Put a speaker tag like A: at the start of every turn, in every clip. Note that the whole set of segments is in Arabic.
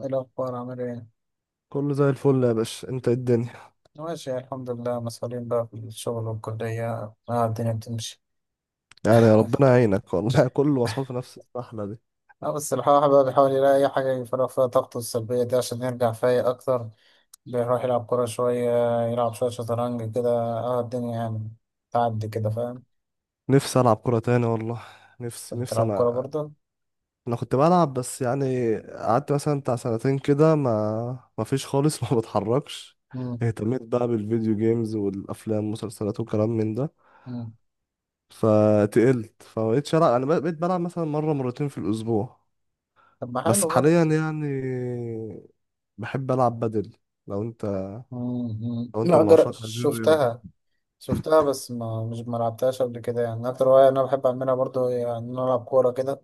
A: إيه الأخبار عامل إيه؟
B: كله زي الفل يا باشا، انت ايه الدنيا؟
A: ماشي، الحمد لله. مسؤولين بقى في الشغل والكلية. آه الدنيا بتمشي.
B: يعني ربنا يعينك والله. كله مسحول في نفس السحلة دي.
A: آه بس الواحد بقى بيحاول يلاقي أي حاجة يفرغ فيها طاقته السلبية دي عشان يرجع فايق أكتر. بيروح يلعب كورة شوية، يلعب شوية شطرنج كده. آه الدنيا يعني تعدي كده، فاهم؟
B: نفسي العب كرة تاني والله. نفسي
A: أنت
B: نفسي
A: بتلعب كورة
B: انا.
A: برضه؟
B: انا كنت بلعب، بس يعني قعدت مثلا بتاع سنتين كده ما فيش خالص. ما بتحركش.
A: مم،
B: اهتميت بقى بالفيديو جيمز والافلام والمسلسلات وكلام من ده.
A: مم.
B: فتقلت فمبقتش العب. انا بقيت بلعب مثلا مرة مرتين في الاسبوع.
A: طب ما
B: بس
A: حلو برضه.
B: حاليا يعني بحب العب بدل. لو انت
A: مم، مم.
B: لو انت
A: لا
B: من
A: جر...
B: عشاق هذه الرياضة.
A: شفتها. شفتها بس ما مش ما لعبتهاش قبل كده. يعني أكتر هواية أنا بحب أعملها برضه هي إن أنا ألعب كورة كده.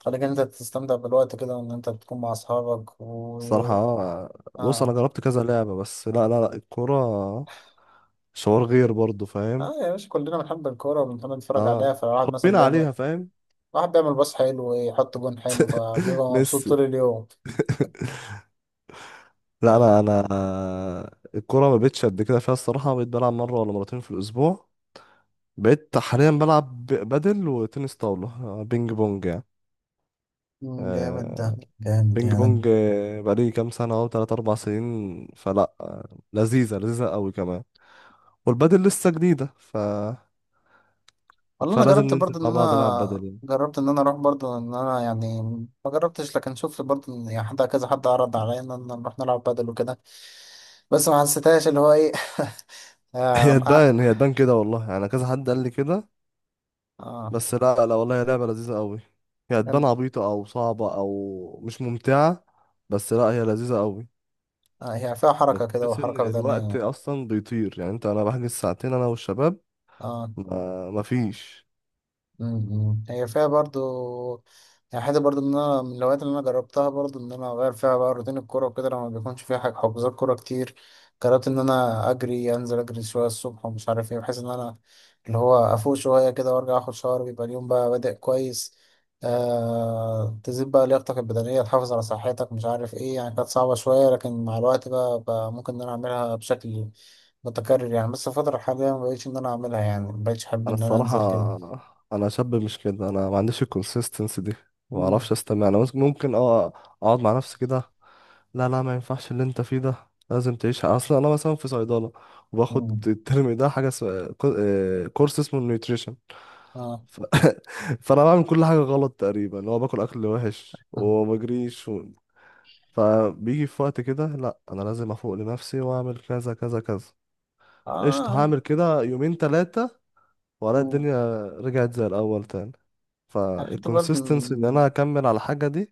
A: خليك إن انت تستمتع بالوقت كده وان انت بتكون مع اصحابك و
B: الصراحة بص أنا
A: اه
B: جربت كذا لعبة، بس لا لا لا، الكورة شعور غير برضه، فاهم؟
A: اه يا باشا، كلنا بنحب الكورة وبنحب نتفرج عليها،
B: اه،
A: فالواحد مثلا
B: اتربينا
A: بيعمل،
B: عليها فاهم.
A: واحد بيعمل باص حلو ويحط جون حلو فبيبقى مبسوط
B: ميسي.
A: طول اليوم.
B: لا
A: فاهم.
B: أنا الكورة ما بقتش قد كده فيها الصراحة. بقيت بلعب مرة ولا مرتين في الأسبوع. بقيت حاليا بلعب بدل وتنس طاولة. بينج بونج يعني.
A: مم، جامد ده،
B: آه،
A: جامد
B: بينج
A: يعني.
B: بونج. بقالي كام سنة أهو، تلات أربع سنين. فلا لذيذة، لذيذة أوي كمان. والبدل لسه جديدة، ف
A: والله انا
B: فلازم
A: جربت
B: ننزل
A: برضه ان
B: مع بعض نلعب
A: انا
B: بدل يعني.
A: جربت ان انا اروح برضه ان انا يعني ما جربتش، لكن شفت برضه إن يعني حد كذا، حد عرض عليا ان أنا نروح نلعب بدل وكده، بس ما حسيتهاش اللي هو ايه.
B: هي
A: آه آه.
B: تبان هي تبان كده والله، يعني كذا حد قال لي كده. بس لا لا، والله هي لعبة لذيذة قوي. هي
A: آه.
B: تبان عبيطة او صعبة او مش ممتعة، بس لا، هي لذيذة قوي.
A: آه هي فيها حركة كده،
B: بتحس ان
A: وحركة
B: الوقت
A: بدنية.
B: اصلا بيطير. يعني انت، انا بحجز ساعتين انا والشباب،
A: اه.
B: ما فيش.
A: م- م. هي فيها برضو يعني حاجة برضو، إن أنا من الهوايات اللي أنا جربتها برضو إن أنا أغير فيها بقى روتين الكورة وكده لما بيكونش فيها حاجة حجوزات كورة كتير. جربت إن أنا أجري، أنزل أجري شوية الصبح ومش عارف إيه، بحيث إن أنا اللي هو أفوق شوية كده وأرجع آخد شاور، بيبقى اليوم بقى بادئ كويس. آه تزيد بقى لياقتك البدنية، تحافظ على صحتك، مش عارف إيه. يعني كانت صعبة شوية لكن مع الوقت بقى ممكن إن أنا أعملها بشكل متكرر يعني. بس الفترة الحالية مبقتش إن أنا أعملها، يعني مبقتش أحب
B: انا
A: إن أنا
B: الصراحة،
A: أنزل كده.
B: انا شاب مش كده. انا ما عنديش الكونسيستنسي دي. ما
A: مم.
B: اعرفش استمع. انا ممكن اه اقعد مع نفسي كده. لا لا، ما ينفعش. اللي انت فيه ده لازم تعيشها اصلا. انا مثلا في صيدله،
A: مم.
B: وباخد الترم ده كورس اسمه النيوتريشن.
A: آه.
B: ف... فانا بعمل كل حاجه غلط تقريبا. اللي هو باكل اكل وحش وما بجريش. فبيجي في وقت كده، لا انا لازم افوق لنفسي واعمل كذا كذا كذا. قشطه،
A: آه.
B: هعمل كده يومين ثلاثه والاقي
A: مم.
B: الدنيا رجعت زي الاول تاني.
A: يعني حتى برضه
B: فالكونسيستنسي ان انا اكمل على الحاجه دي،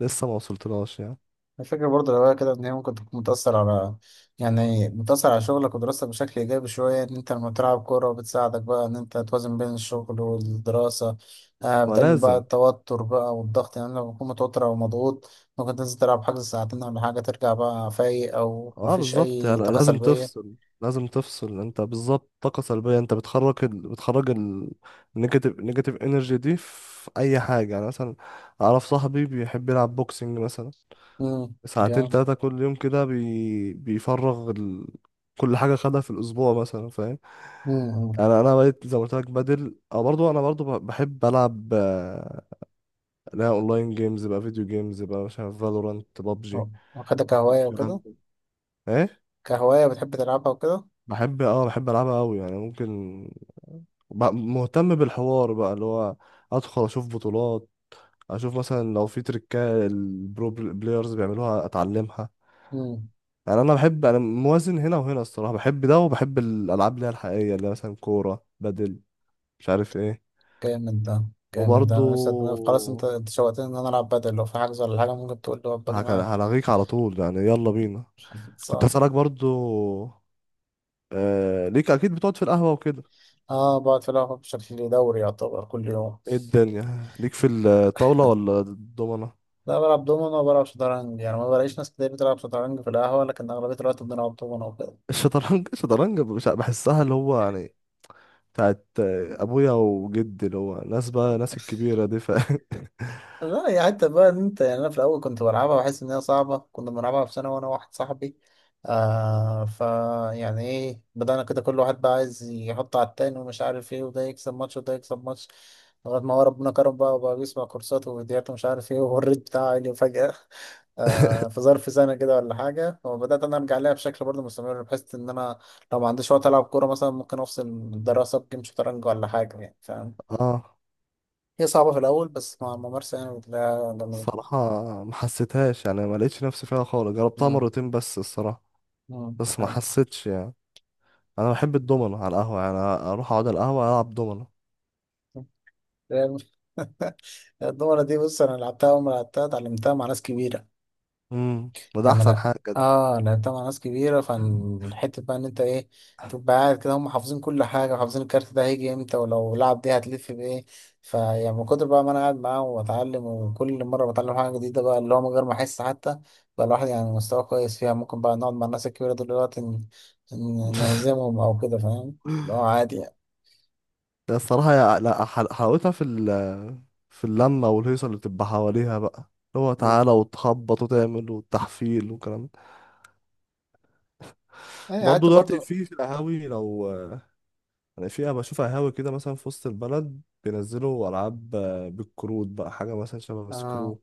B: لسه ما وصلتلهاش يعني.
A: الفكرة برضه لو هي كده إن هي ممكن تكون متأثر على، يعني متأثر على شغلك ودراستك بشكل إيجابي شوية. إن أنت لما بتلعب كورة بتساعدك بقى إن أنت توازن بين الشغل والدراسة. آه بتقلل بقى
B: ولازم،
A: التوتر بقى والضغط، يعني لما بتكون متوتر أو مضغوط ممكن تنزل تلعب حاجة ساعتين ولا حاجة، ترجع بقى فايق أو
B: اه
A: مفيش
B: بالظبط، يعني
A: أي طاقة
B: لازم
A: سلبية.
B: تفصل. لازم تفصل انت بالظبط. طاقة سلبية، انت بتخرج بتخرج النيجاتيف، نيجاتيف انرجي دي في اي حاجة، يعني مثلا اعرف صاحبي بيحب يلعب بوكسنج مثلا
A: مم.
B: ساعتين
A: جامد.
B: تلاتة كل يوم كده. بيفرغ كل حاجة خدها في الاسبوع مثلا، فاهم؟
A: مم.
B: انا بقيت زي ما قلت لك بدل. اه، برضو انا برضو بحب العب اللي هي اونلاين جيمز بقى، فيديو جيمز بقى، مش عارف، فالورانت، بابجي،
A: مم. واخدها كهواية وكده.
B: الكلام ده. ايه،
A: كهواية بتحب تلعبها وكده.
B: بحب اه، بحب العبها قوي يعني. ممكن مهتم بالحوار بقى، اللي هو ادخل اشوف بطولات، اشوف مثلا لو في تريكات البرو بلايرز بيعملوها اتعلمها. يعني انا بحب، انا موازن هنا وهنا الصراحه. بحب ده وبحب الالعاب اللي هي الحقيقيه، اللي هي مثلا كوره، بدل، مش عارف ايه.
A: جامد ده، جامد ده.
B: وبرضو
A: انا نفسي خلاص انت شوقتني ان انا العب بدل، لو في حجز ولا حاجه ممكن تقول لي ابقى معاك.
B: هلغيك على طول يعني، يلا بينا. كنت
A: صح.
B: هسألك برضو، آه، ليك اكيد بتقعد في القهوه وكده.
A: اه بقعد في القهوه بشكل دوري، يعتبر كل يوم.
B: ايه الدنيا، ليك في الطاوله ولا الضمنه؟
A: لا بلعب دومينو وبلعب شطرنج، يعني ما بلاقيش ناس كتير بتلعب شطرنج في القهوه، لكن اغلبيه الوقت بنلعب دومينو وكده.
B: الشطرنج بحسها اللي هو يعني بتاعت ابويا وجدي، اللي هو ناس بقى، ناس الكبيره دي ف
A: لا يا حتى بقى ان انت يعني انا في الاول كنت بلعبها واحس ان هي صعبه، كنا بنلعبها في سنه وانا واحد صاحبي. آه فا، يعني ايه بدأنا كده كل واحد بقى عايز يحط على التاني ومش عارف ايه، وده يكسب ماتش وده يكسب ماتش، لغايه ما هو ربنا كرم بقى وبقى بيسمع كورسات وفيديوهات ومش عارف ايه والريت بتاعه عالي فجأة. آه في ظرف سنه كده ولا حاجه، وبدأت انا ارجع لها بشكل برضه مستمر، بحيث ان انا لو ما عنديش وقت العب كوره مثلا ممكن افصل الدراسه بجيم شطرنج ولا حاجه يعني، فاهم.
B: اه
A: هي صعبة في الأول بس مع الممارسة يعني بتلاقيها جميلة.
B: الصراحه ما حسيتهاش يعني، ما لقيتش نفسي فيها خالص، جربتها
A: مم.
B: مرتين بس الصراحه.
A: مم.
B: بس ما
A: حلو.
B: حسيتش يعني. انا بحب الدومينو على القهوه. يعني اروح اقعد على القهوه العب دومينو.
A: آه، الدومنة دي، بص أنا لعبتها أول ما لعبتها اتعلمتها مع ناس كبيرة.
B: امم، وده
A: يعني
B: احسن
A: لا،
B: حاجه ده.
A: آه لعبتها مع ناس كبيرة، فالحتة بقى إن أنت إيه، تبقى قاعد كده هم حافظين كل حاجة، حافظين الكارت ده هيجي إمتى ولو لعب دي هتلف بإيه. فيعني من كتر بقى ما أنا قاعد معاهم وبتعلم، وكل مرة بتعلم حاجة جديدة بقى، اللي هو من غير ما أحس حتى بقى الواحد يعني مستواه كويس فيها، ممكن بقى نقعد مع الناس الكبيرة دول دلوقتي نهزمهم أو كده، فاهم. اللي هو عادي يعني.
B: ده الصراحه، يع- لا حل- حلاوتها في في اللمه والهيصه اللي بتبقى حواليها بقى. اللي هو
A: مم.
B: تعالى وتخبط وتعمل والتحفيل والكلام.
A: أي
B: وبرضه
A: قعدت
B: دلوقتي
A: برضه.
B: في القهاوي، لو يعني في، بشوف قهاوي كده مثلا في وسط البلد بينزلوا ألعاب، بالكروت بقى، حاجة مثلا شبه
A: آه.
B: سكرو،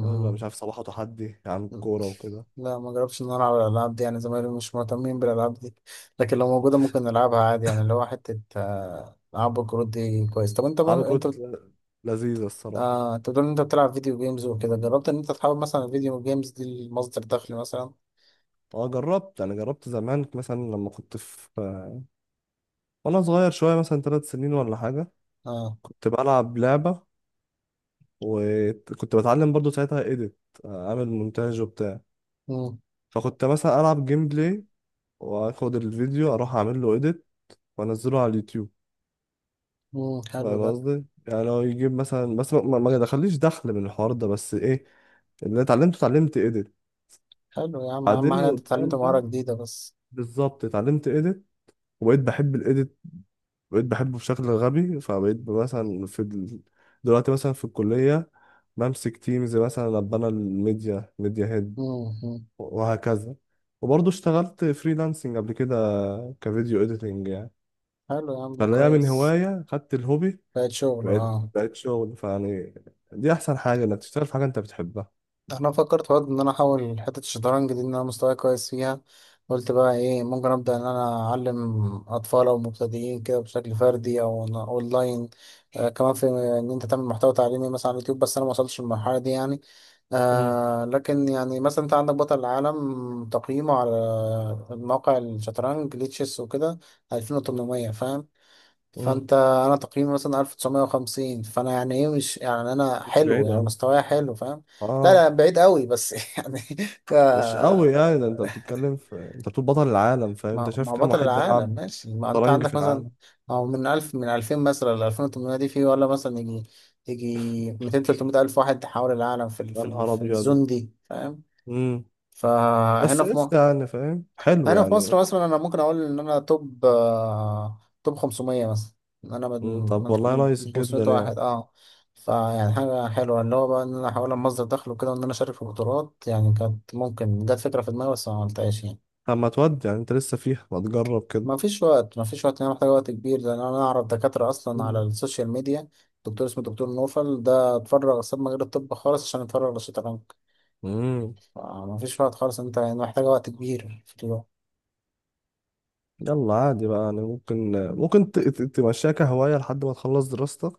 B: ولا مش عارف صباحه، تحدي عن الكورة وكده.
A: لا ما جربتش ان انا العب الالعاب دي، يعني زمايلي مش مهتمين بالالعاب دي، لكن لو موجوده ممكن نلعبها عادي يعني، اللي هو حته آه، العاب الكروت دي كويس. طب
B: ألعاب
A: انت
B: الكروت لذيذة الصراحة.
A: آه... انت بتقول ان انت بتلعب فيديو جيمز وكده، جربت ان انت تحاول مثلا الفيديو جيمز دي لمصدر دخل مثلا؟
B: اه جربت، يعني جربت زمان مثلا لما كنت في وأنا صغير شوية مثلا ثلاث سنين ولا حاجة،
A: اه.
B: كنت بلعب لعبة، وكنت بتعلم برضو ساعتها إيديت، أعمل مونتاج وبتاع.
A: مم.
B: فكنت مثلا ألعب جيم بلاي وآخد الفيديو أروح أعمل له إيديت وانزله على اليوتيوب.
A: مم. حلو
B: فاهم
A: ده.
B: قصدي؟ يعني هو يجيب مثلا، بس ما دخليش دخل من الحوار ده، بس ايه، اللي اتعلمته اتعلمت ايديت.
A: حلو يا عم، اهم حاجه
B: بعدين
A: انت
B: قدام
A: اتعلمت مهاره
B: ده،
A: جديده بس.
B: بالظبط اتعلمت ايديت، وبقيت بحب الايديت، بقيت بحبه بشكل غبي. فبقيت مثلا في دلوقتي مثلا في الكلية بمسك تيمز، مثلا ابقى انا الميديا، ميديا هيد،
A: مم. مم.
B: وهكذا. وبرضه اشتغلت فريلانسنج قبل كده كفيديو اديتنج يعني.
A: حلو يا عم
B: فاللي هي من
A: كويس.
B: هواية خدت الهوبي،
A: بقت شغل
B: بقيت
A: اه.
B: بقيت شغل. فيعني دي احسن حاجه انك تشتغل في حاجه انت بتحبها.
A: انا فكرت برضه ان انا احاول حته الشطرنج دي، ان انا مستواي كويس فيها، قلت بقى ايه ممكن ابدا ان انا اعلم اطفال او مبتدئين كده بشكل فردي او أنا اونلاين. آه كمان في ان انت تعمل محتوى تعليمي مثلا على اليوتيوب، بس انا ما وصلتش للمرحله دي يعني.
B: امم،
A: آه لكن يعني مثلا انت عندك بطل العالم تقييمه على موقع الشطرنج ليه تشيس وكده 2800، فاهم.
B: امم،
A: فانت انا تقييمي مثلا 1950، فانا يعني ايه مش يعني انا
B: مش بعيد
A: حلو، يعني
B: قوي،
A: مستواي حلو، فاهم. لا
B: اه.
A: لا بعيد قوي بس يعني. ك،
B: مش قوي يعني، ده انت بتتكلم في، انت بتقول بطل العالم فاهم؟ انت
A: ما
B: شايف
A: هو
B: كام
A: بطل
B: واحد
A: العالم
B: بيلعب
A: ماشي، ما انت
B: شطرنج في
A: عندك مثلا
B: العالم؟
A: او من 1000 من 2000 مثلا ل 2800، دي في ولا مثلا يجي، يجي 200 300 الف واحد حول العالم في
B: يا نهار
A: في
B: ابيض.
A: الزون دي، فاهم.
B: امم، بس
A: فهنا في
B: ايش
A: مصر،
B: يعني فاهم، حلو
A: هنا في
B: يعني.
A: مصر مثلا انا ممكن اقول ان انا توب آه، توب 500 مثلا، إن انا من
B: مم. طب والله
A: من
B: نايس
A: 500
B: جدا يعني.
A: واحد اه. فيعني حاجة حلوة اللي هو بقى ان انا احاول مصدر دخل وكده وان انا اشارك في بطولات، يعني كانت ممكن جت فكرة في دماغي بس ما عملتهاش يعني.
B: طب ما تودي يعني، انت لسه فيها، ما تجرب كده.
A: ما فيش وقت، ما فيش وقت، انا محتاج وقت كبير. لان انا اعرف دكاترة اصلا على
B: أمم.
A: السوشيال ميديا، دكتور اسمه دكتور نوفل ده اتفرغ، ساب مجال الطب خالص عشان يتفرغ للشطرنج.
B: امم.
A: فما فيش وقت خالص، انت يعني محتاج وقت كبير في اليوم.
B: يلا عادي بقى، يعني ممكن ممكن تمشيها كهواية لحد ما تخلص دراستك،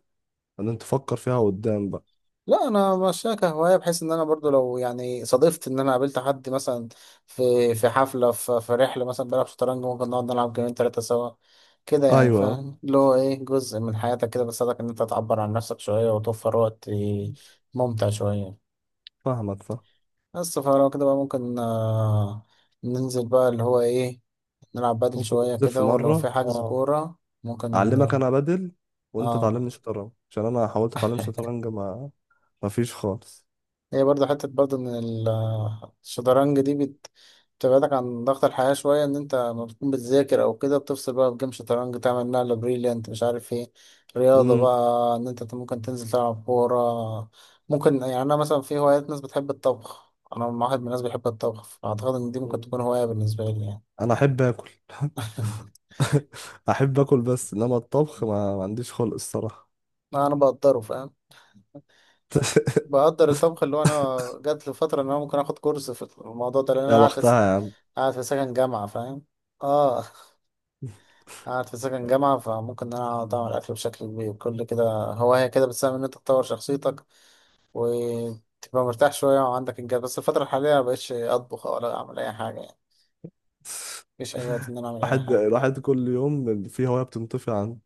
B: بعدين تفكر فيها قدام بقى.
A: لا انا ماشيها كهوايه، بحيث ان انا برضو لو يعني صادفت ان انا قابلت حد مثلا في حفله، في رحله مثلا بلعب شطرنج، ممكن نقعد نلعب جيمين ثلاثه سوا كده يعني،
B: ايوه،
A: فاهم. اللي هو ايه جزء من حياتك كده بيساعدك ان انت تعبر عن نفسك شويه وتوفر وقت ممتع شويه.
B: فاهمك، فاهم.
A: بس فلو كده بقى ممكن آه، ننزل بقى اللي هو ايه، نلعب بدل
B: ممكن
A: شويه
B: ننزل في
A: كده، ولو في
B: مره،
A: حجز
B: اه،
A: كوره ممكن.
B: اعلمك انا بدل، وانت
A: اه.
B: تعلمني شطرنج، عشان انا حاولت اتعلم شطرنج، ما فيش خالص.
A: هي برضه حتة برضه إن الشطرنج دي بتبعدك عن ضغط الحياة شوية، إن أنت لما بتكون بتذاكر أو كده بتفصل بقى بجيم شطرنج، تعمل نقلة بريليانت مش عارف إيه. رياضة
B: امم،
A: بقى إن أنت ممكن تنزل تلعب كورة ممكن. يعني أنا مثلا في هوايات، ناس بتحب الطبخ، أنا واحد من الناس بيحب الطبخ، فأعتقد إن دي ممكن تكون هواية بالنسبة لي يعني.
B: انا احب اكل. احب اكل، بس انما الطبخ، ما عنديش خلق الصراحه.
A: لا أنا بقدره، فاهم. بقدر الطبخ. اللي هو أنا جات لي فترة إن أنا ممكن آخد كورس في الموضوع ده، لأن أنا
B: يا
A: قاعد
B: بختها يا عم.
A: قاعد في سكن جامعة، فاهم. اه قاعد في سكن جامعة، فممكن إن أنا أقعد أعمل أكل بشكل كبير كل كده. هواية كده بتساهم إن أنت تطور شخصيتك وتبقى مرتاح شوية وعندك إنجاز. بس الفترة الحالية مبقتش أطبخ ولا أعمل أي حاجة يعني، مفيش أي وقت إن أنا أعمل أي
B: الواحد
A: حاجة.
B: الواحد كل يوم في هوايه بتنطفي عنه.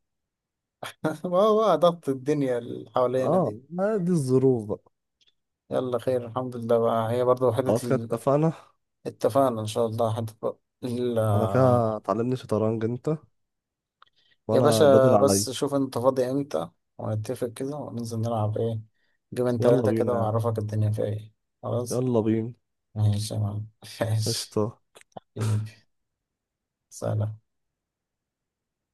A: ما هو بقى ضغط الدنيا اللي حوالينا
B: اه،
A: دي.
B: ما دي الظروف بقى.
A: يلا خير، الحمد لله بقى. هي برضه حتة
B: خلاص كده، اتفقنا.
A: اتفقنا إن شاء الله. حتة بقى ال-
B: انا كده تعلمني شطرنج انت،
A: يا
B: وانا البدل
A: باشا
B: عليا.
A: بس شوف أنت فاضي إمتى ونتفق كده وننزل نلعب إيه، جيمين
B: يلا
A: تلاتة كده،
B: بينا يا عم.
A: وأعرفك الدنيا فيها إيه. خلاص
B: يلا بينا.
A: ماشي يا معلم. ماشي
B: قشطة.
A: حبيبي، سلام.